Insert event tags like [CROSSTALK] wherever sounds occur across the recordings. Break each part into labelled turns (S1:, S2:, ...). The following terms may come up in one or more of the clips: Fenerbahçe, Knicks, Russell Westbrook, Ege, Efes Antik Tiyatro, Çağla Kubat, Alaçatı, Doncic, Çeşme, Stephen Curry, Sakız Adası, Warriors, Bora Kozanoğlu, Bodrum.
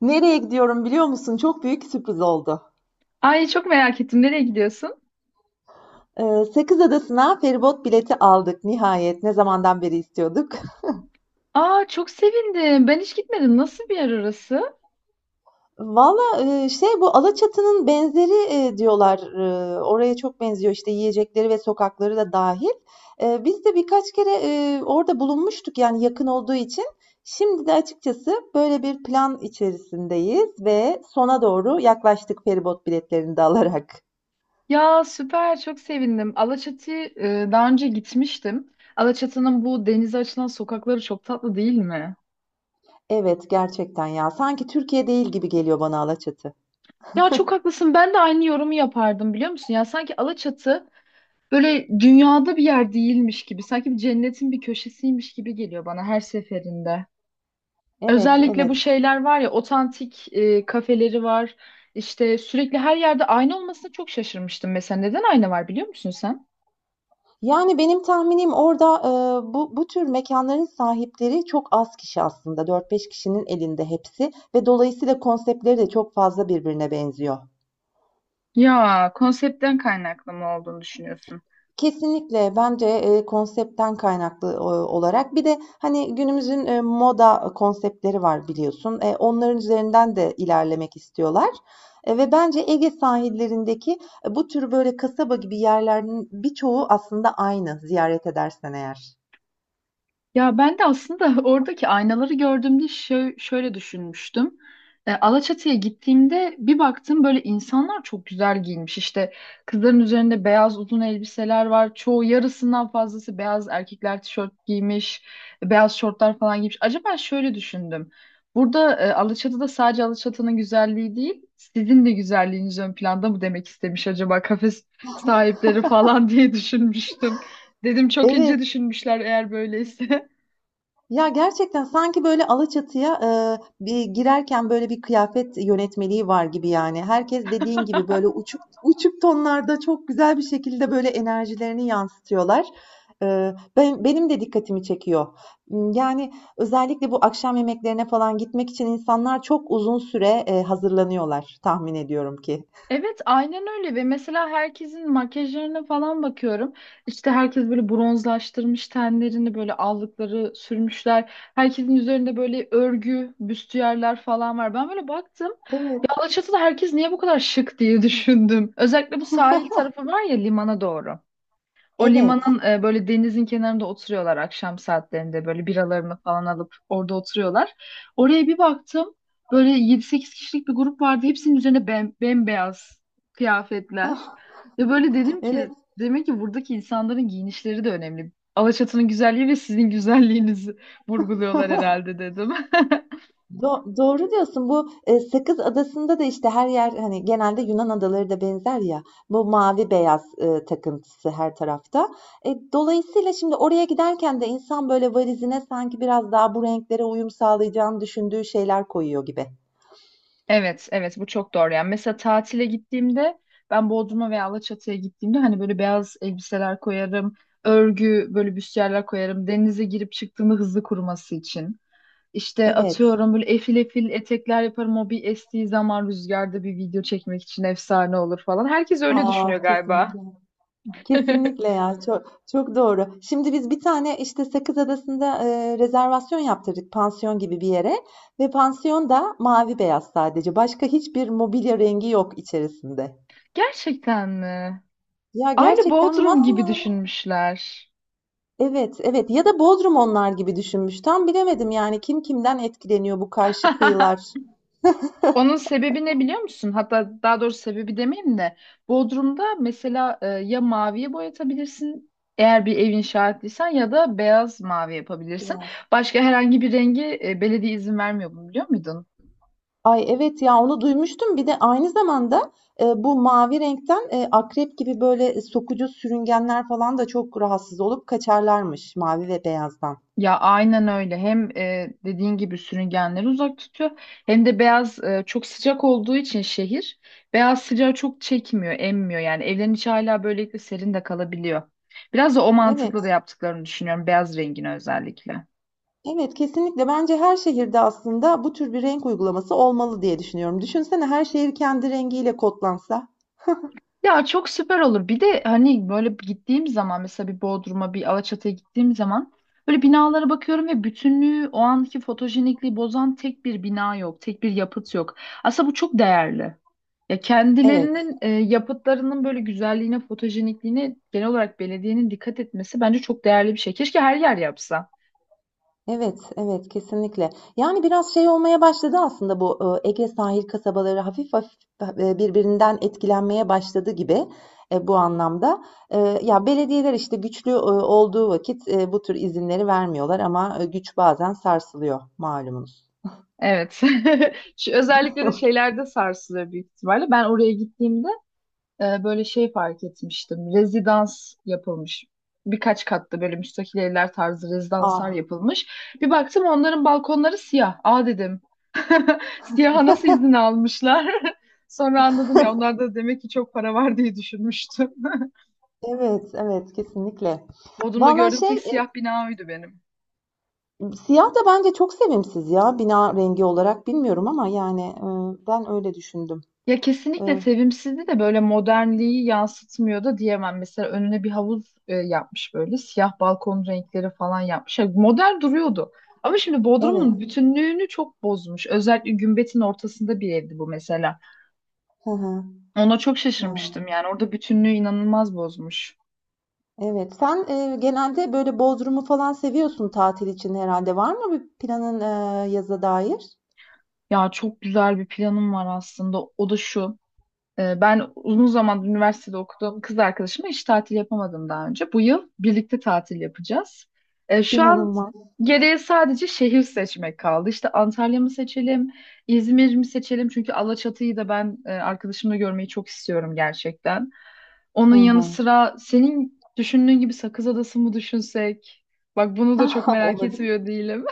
S1: Nereye gidiyorum biliyor musun? Çok büyük sürpriz oldu.
S2: Ay çok merak ettim. Nereye gidiyorsun?
S1: Sakız Adası'na feribot bileti aldık nihayet. Ne zamandan beri istiyorduk.
S2: Aa çok sevindim. Ben hiç gitmedim. Nasıl bir yer orası?
S1: [LAUGHS] Valla şey bu Alaçatı'nın benzeri diyorlar. Oraya çok benziyor işte yiyecekleri ve sokakları da dahil. Biz de birkaç kere orada bulunmuştuk yani yakın olduğu için. Şimdi de açıkçası böyle bir plan içerisindeyiz ve sona doğru yaklaştık feribot biletlerini de alarak.
S2: Ya süper çok sevindim. Alaçatı'ya daha önce gitmiştim. Alaçatı'nın bu denize açılan sokakları çok tatlı değil mi?
S1: Evet, gerçekten ya sanki Türkiye değil gibi geliyor bana Alaçatı.
S2: Ya çok haklısın. Ben de aynı yorumu yapardım biliyor musun? Ya sanki Alaçatı böyle dünyada bir yer değilmiş gibi. Sanki bir cennetin bir köşesiymiş gibi geliyor bana her seferinde.
S1: Evet,
S2: Özellikle bu
S1: evet.
S2: şeyler var ya otantik kafeleri var. İşte sürekli her yerde ayna olmasına çok şaşırmıştım mesela. Neden ayna var biliyor musun sen?
S1: Yani benim tahminim orada, bu tür mekânların sahipleri çok az kişi aslında, dört beş kişinin elinde hepsi ve dolayısıyla konseptleri de çok fazla birbirine benziyor.
S2: Ya konseptten kaynaklı mı olduğunu düşünüyorsun?
S1: Kesinlikle bence, konseptten kaynaklı, olarak bir de, hani, günümüzün, moda konseptleri var biliyorsun. Onların üzerinden de ilerlemek istiyorlar, ve bence Ege sahillerindeki, bu tür böyle kasaba gibi yerlerin birçoğu aslında aynı ziyaret edersen eğer.
S2: Ya ben de aslında [LAUGHS] oradaki aynaları gördüğümde şöyle düşünmüştüm. Alaçatı'ya gittiğimde bir baktım böyle insanlar çok güzel giyinmiş. İşte kızların üzerinde beyaz uzun elbiseler var. Çoğu yarısından fazlası beyaz erkekler tişört giymiş, beyaz şortlar falan giymiş. Acaba şöyle düşündüm. Burada Alaçatı'da sadece Alaçatı'nın güzelliği değil, sizin de güzelliğiniz ön planda mı demek istemiş acaba kafe sahipleri falan [LAUGHS] diye düşünmüştüm. Dedim çok ince
S1: Evet.
S2: düşünmüşler eğer böyleyse. [LAUGHS]
S1: Ya, gerçekten sanki böyle Alaçatı'ya, bir girerken böyle bir kıyafet yönetmeliği var gibi yani. Herkes dediğin gibi böyle uçuk uçuk tonlarda çok güzel bir şekilde böyle enerjilerini yansıtıyorlar. Benim de dikkatimi çekiyor. Yani özellikle bu akşam yemeklerine falan gitmek için insanlar çok uzun süre, hazırlanıyorlar tahmin ediyorum ki.
S2: Evet, aynen öyle ve mesela herkesin makyajlarına falan bakıyorum. İşte herkes böyle bronzlaştırmış tenlerini, böyle allıkları sürmüşler. Herkesin üzerinde böyle örgü, büstiyerler falan var. Ben böyle baktım.
S1: Evet.
S2: Ya Alaçatı'da herkes niye bu kadar şık diye [LAUGHS] düşündüm. Özellikle bu sahil tarafı var ya limana doğru. O
S1: Evet.
S2: limanın böyle denizin kenarında oturuyorlar akşam saatlerinde böyle biralarını falan alıp orada oturuyorlar. Oraya bir baktım böyle yedi sekiz kişilik bir grup vardı. Hepsinin üzerine bem bembeyaz kıyafetler.
S1: Ah.
S2: Ve böyle dedim
S1: Evet,
S2: ki demek ki buradaki insanların giyinişleri de önemli. Alaçatı'nın güzelliği ve sizin güzelliğinizi [LAUGHS] vurguluyorlar herhalde dedim.
S1: doğru diyorsun. Bu Sakız Adası'nda da işte her yer hani genelde Yunan adaları da benzer ya. Bu mavi beyaz takıntısı her tarafta. Dolayısıyla şimdi oraya giderken de insan böyle valizine sanki biraz daha bu renklere uyum sağlayacağını düşündüğü şeyler koyuyor gibi.
S2: Evet, evet bu çok doğru. Yani mesela tatile gittiğimde ben Bodrum'a veya Alaçatı'ya gittiğimde hani böyle beyaz elbiseler koyarım, örgü böyle büstiyerler koyarım. Denize girip çıktığımda hızlı kuruması için. İşte
S1: Evet.
S2: atıyorum böyle efil efil etekler yaparım. O bir estiği zaman rüzgarda bir video çekmek için efsane olur falan. Herkes öyle düşünüyor
S1: Aa,
S2: galiba.
S1: kesinlikle.
S2: [LAUGHS]
S1: Kesinlikle ya. Çok çok doğru. Şimdi biz bir tane işte Sakız Adası'nda rezervasyon yaptırdık pansiyon gibi bir yere ve pansiyon da mavi beyaz sadece. Başka hiçbir mobilya rengi yok içerisinde.
S2: Gerçekten mi?
S1: Ya
S2: Aynı
S1: gerçekten
S2: Bodrum gibi
S1: masmavi.
S2: düşünmüşler.
S1: Evet, evet. Ya da Bodrum onlar gibi düşünmüş. Tam bilemedim yani kim kimden etkileniyor bu karşı
S2: [LAUGHS]
S1: kıyılar.
S2: Onun sebebi ne biliyor musun? Hatta daha doğrusu sebebi demeyeyim de Bodrum'da mesela ya maviye boyatabilirsin eğer bir ev inşa ettiysen ya da beyaz mavi yapabilirsin. Başka herhangi bir rengi belediye izin vermiyor bunu biliyor muydun?
S1: Ay, evet ya, onu duymuştum. Bir de aynı zamanda, bu mavi renkten, akrep gibi böyle sokucu sürüngenler falan da çok rahatsız olup kaçarlarmış mavi ve beyazdan.
S2: Ya aynen öyle. Hem dediğin gibi sürüngenleri uzak tutuyor hem de beyaz çok sıcak olduğu için şehir beyaz sıcağı çok çekmiyor, emmiyor. Yani evlerin içi hala böylelikle serin de kalabiliyor. Biraz da o
S1: Evet,
S2: mantıkla da yaptıklarını düşünüyorum beyaz rengini özellikle.
S1: evet kesinlikle. Bence her şehirde aslında bu tür bir renk uygulaması olmalı diye düşünüyorum. Düşünsene her şehir kendi rengiyle kodlansa.
S2: Ya çok süper olur. Bir de hani böyle gittiğim zaman mesela bir Bodrum'a bir Alaçatı'ya gittiğim zaman böyle binalara bakıyorum ve bütünlüğü o anki fotojenikliği bozan tek bir bina yok. Tek bir yapıt yok. Aslında bu çok değerli. Ya
S1: Evet.
S2: kendilerinin yapıtlarının böyle güzelliğine, fotojenikliğine genel olarak belediyenin dikkat etmesi bence çok değerli bir şey. Keşke her yer yapsa.
S1: Evet, evet kesinlikle. Yani biraz şey olmaya başladı aslında bu Ege sahil kasabaları hafif hafif birbirinden etkilenmeye başladı gibi bu anlamda. Ya belediyeler işte güçlü olduğu vakit bu tür izinleri vermiyorlar ama güç bazen sarsılıyor malumunuz.
S2: Evet. [LAUGHS] Şu, özellikle de şeylerde sarsılıyor büyük ihtimalle. Ben oraya gittiğimde böyle şey fark etmiştim. Rezidans yapılmış. Birkaç katlı böyle müstakil evler tarzı rezidanslar
S1: Ah,
S2: yapılmış. Bir baktım onların balkonları siyah. Aa dedim. [LAUGHS] Siyaha nasıl izin almışlar? [LAUGHS] Sonra anladım ya onlar da demek ki çok para var diye düşünmüştüm. [LAUGHS]
S1: evet, evet kesinlikle.
S2: Bodrum'da
S1: Vallahi
S2: gördüğüm
S1: şey
S2: tek siyah bina oydu benim.
S1: siyah da bence çok sevimsiz ya bina rengi olarak bilmiyorum ama yani ben öyle düşündüm.
S2: Ya
S1: E,
S2: kesinlikle sevimsizdi de böyle modernliği yansıtmıyor da diyemem. Mesela önüne bir havuz yapmış böyle siyah balkon renkleri falan yapmış. Ya modern duruyordu. Ama şimdi Bodrum'un
S1: evet.
S2: bütünlüğünü çok bozmuş. Özellikle Gümbet'in ortasında bir evdi bu mesela.
S1: Hı hı,
S2: Ona çok
S1: yani.
S2: şaşırmıştım yani orada bütünlüğü inanılmaz bozmuş.
S1: Evet. Sen, genelde böyle Bodrum'u falan seviyorsun tatil için herhalde. Var mı bir planın, yaza dair?
S2: Ya çok güzel bir planım var aslında. O da şu. Ben uzun zamandır üniversitede okuduğum kız arkadaşıma hiç tatil yapamadım daha önce. Bu yıl birlikte tatil yapacağız. Şu an
S1: İnanılmaz.
S2: geriye sadece şehir seçmek kaldı. İşte Antalya mı seçelim, İzmir mi seçelim? Çünkü Alaçatı'yı da ben arkadaşımla görmeyi çok istiyorum gerçekten.
S1: Hı
S2: Onun yanı
S1: hı.
S2: sıra senin düşündüğün gibi Sakız Adası mı düşünsek? Bak bunu da çok
S1: [LAUGHS]
S2: merak
S1: Olabilir.
S2: etmiyor değilim.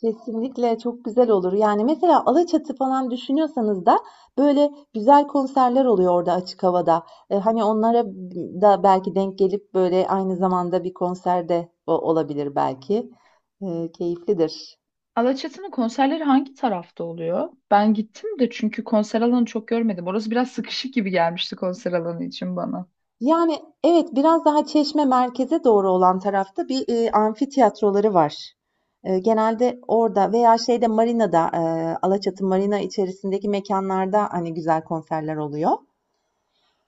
S1: Kesinlikle çok güzel olur. Yani, mesela Alaçatı falan düşünüyorsanız da böyle güzel konserler oluyor orada açık havada. Hani, onlara da belki denk gelip böyle aynı zamanda bir konserde o olabilir belki. Keyiflidir.
S2: Alaçatı'nın konserleri hangi tarafta oluyor? Ben gittim de çünkü konser alanı çok görmedim. Orası biraz sıkışık gibi gelmişti konser alanı için bana.
S1: Yani, evet, biraz daha Çeşme merkeze doğru olan tarafta bir, amfitiyatroları var. Genelde orada veya şeyde marinada, Alaçatı marina içerisindeki mekânlarda, hani, güzel konserler oluyor.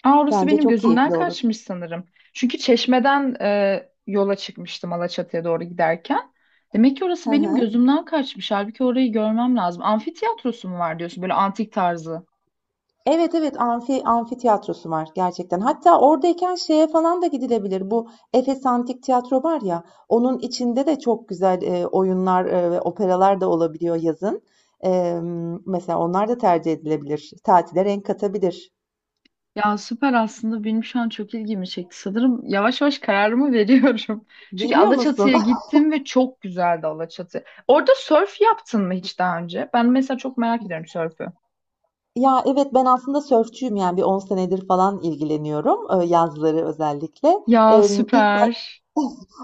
S2: Aa, orası
S1: Bence
S2: benim
S1: çok
S2: gözümden
S1: keyifli olur.
S2: kaçmış sanırım. Çünkü Çeşme'den yola çıkmıştım Alaçatı'ya doğru giderken. Demek ki orası
S1: Hı
S2: benim
S1: hı.
S2: gözümden kaçmış. Halbuki orayı görmem lazım. Amfitiyatrosu mu var diyorsun? Böyle antik tarzı.
S1: Evet, evet, amfitiyatrosu var gerçekten. Hatta oradayken şeye falan da gidilebilir. Bu Efes Antik Tiyatro var ya, onun içinde de çok güzel oyunlar ve operalar da olabiliyor yazın. Mesela onlar da tercih edilebilir. Tatile renk katabilir.
S2: Ya süper aslında benim şu an çok ilgimi çekti. Sanırım yavaş yavaş kararımı [LAUGHS] veriyorum. Çünkü
S1: Veriyor musun?
S2: Alaçatı'ya
S1: [LAUGHS]
S2: gittim ve çok güzeldi Alaçatı. Orada sörf yaptın mı hiç daha önce? Ben mesela çok merak ediyorum sörfü.
S1: Ya evet ben aslında sörfçüyüm yani bir 10 senedir falan ilgileniyorum yazları özellikle.
S2: Ya
S1: İlk
S2: süper.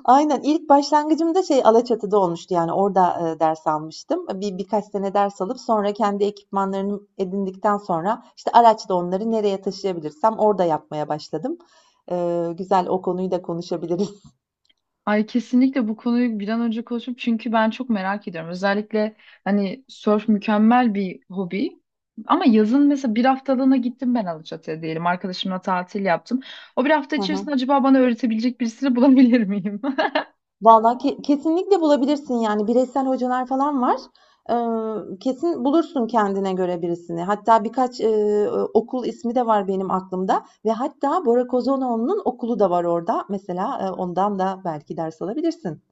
S1: Aynen, ilk başlangıcım da şey Alaçatı'da olmuştu, yani orada, ders almıştım. Birkaç sene ders alıp sonra kendi ekipmanlarını edindikten sonra, işte, araçla onları nereye taşıyabilirsem orada yapmaya başladım. Güzel, o konuyu da konuşabiliriz. [LAUGHS]
S2: Ay kesinlikle bu konuyu bir an önce konuşup çünkü ben çok merak ediyorum. Özellikle hani sörf mükemmel bir hobi. Ama yazın mesela bir haftalığına gittim ben Alaçatı'ya diyelim. Arkadaşımla tatil yaptım. O bir hafta
S1: Hı hı.
S2: içerisinde acaba bana öğretebilecek birisini bulabilir miyim? [LAUGHS]
S1: Vallahi kesinlikle bulabilirsin, yani, bireysel hocalar falan var. Kesin bulursun kendine göre birisini. Hatta birkaç, okul ismi de var benim aklımda ve hatta Bora Kozanoğlu'nun okulu da var orada. Mesela, ondan da belki ders alabilirsin.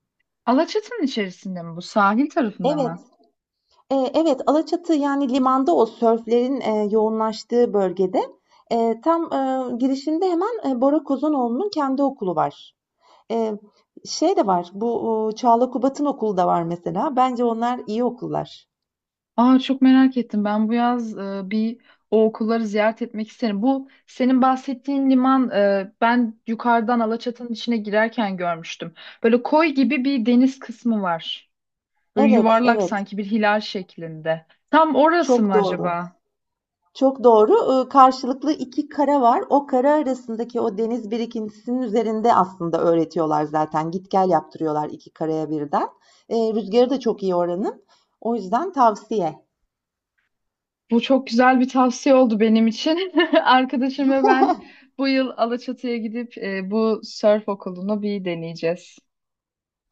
S2: Alaçatı'nın içerisinde mi bu? Sahil tarafında
S1: Evet,
S2: mı?
S1: evet, Alaçatı, yani, limanda o sörflerin, yoğunlaştığı bölgede. Tam, girişinde hemen, Bora Kozanoğlu'nun kendi okulu var. Eee, Şey de var, bu, Çağla Kubat'ın okulu da var mesela. Bence onlar iyi okullar.
S2: Aa çok merak ettim. Ben bu yaz bir o okulları ziyaret etmek isterim. Bu senin bahsettiğin liman ben yukarıdan Alaçatı'nın içine girerken görmüştüm. Böyle koy gibi bir deniz kısmı var. Böyle
S1: Evet,
S2: yuvarlak
S1: evet.
S2: sanki bir hilal şeklinde. Tam orası
S1: Çok
S2: mı
S1: doğru.
S2: acaba?
S1: Çok doğru. Karşılıklı iki kara var. O kara arasındaki o deniz birikintisinin üzerinde aslında öğretiyorlar zaten. Git gel yaptırıyorlar iki karaya birden. Rüzgarı da çok iyi oranın. O yüzden tavsiye.
S2: Bu çok güzel bir tavsiye oldu benim için. [LAUGHS] Arkadaşım ve ben bu yıl Alaçatı'ya gidip bu surf okulunu bir deneyeceğiz.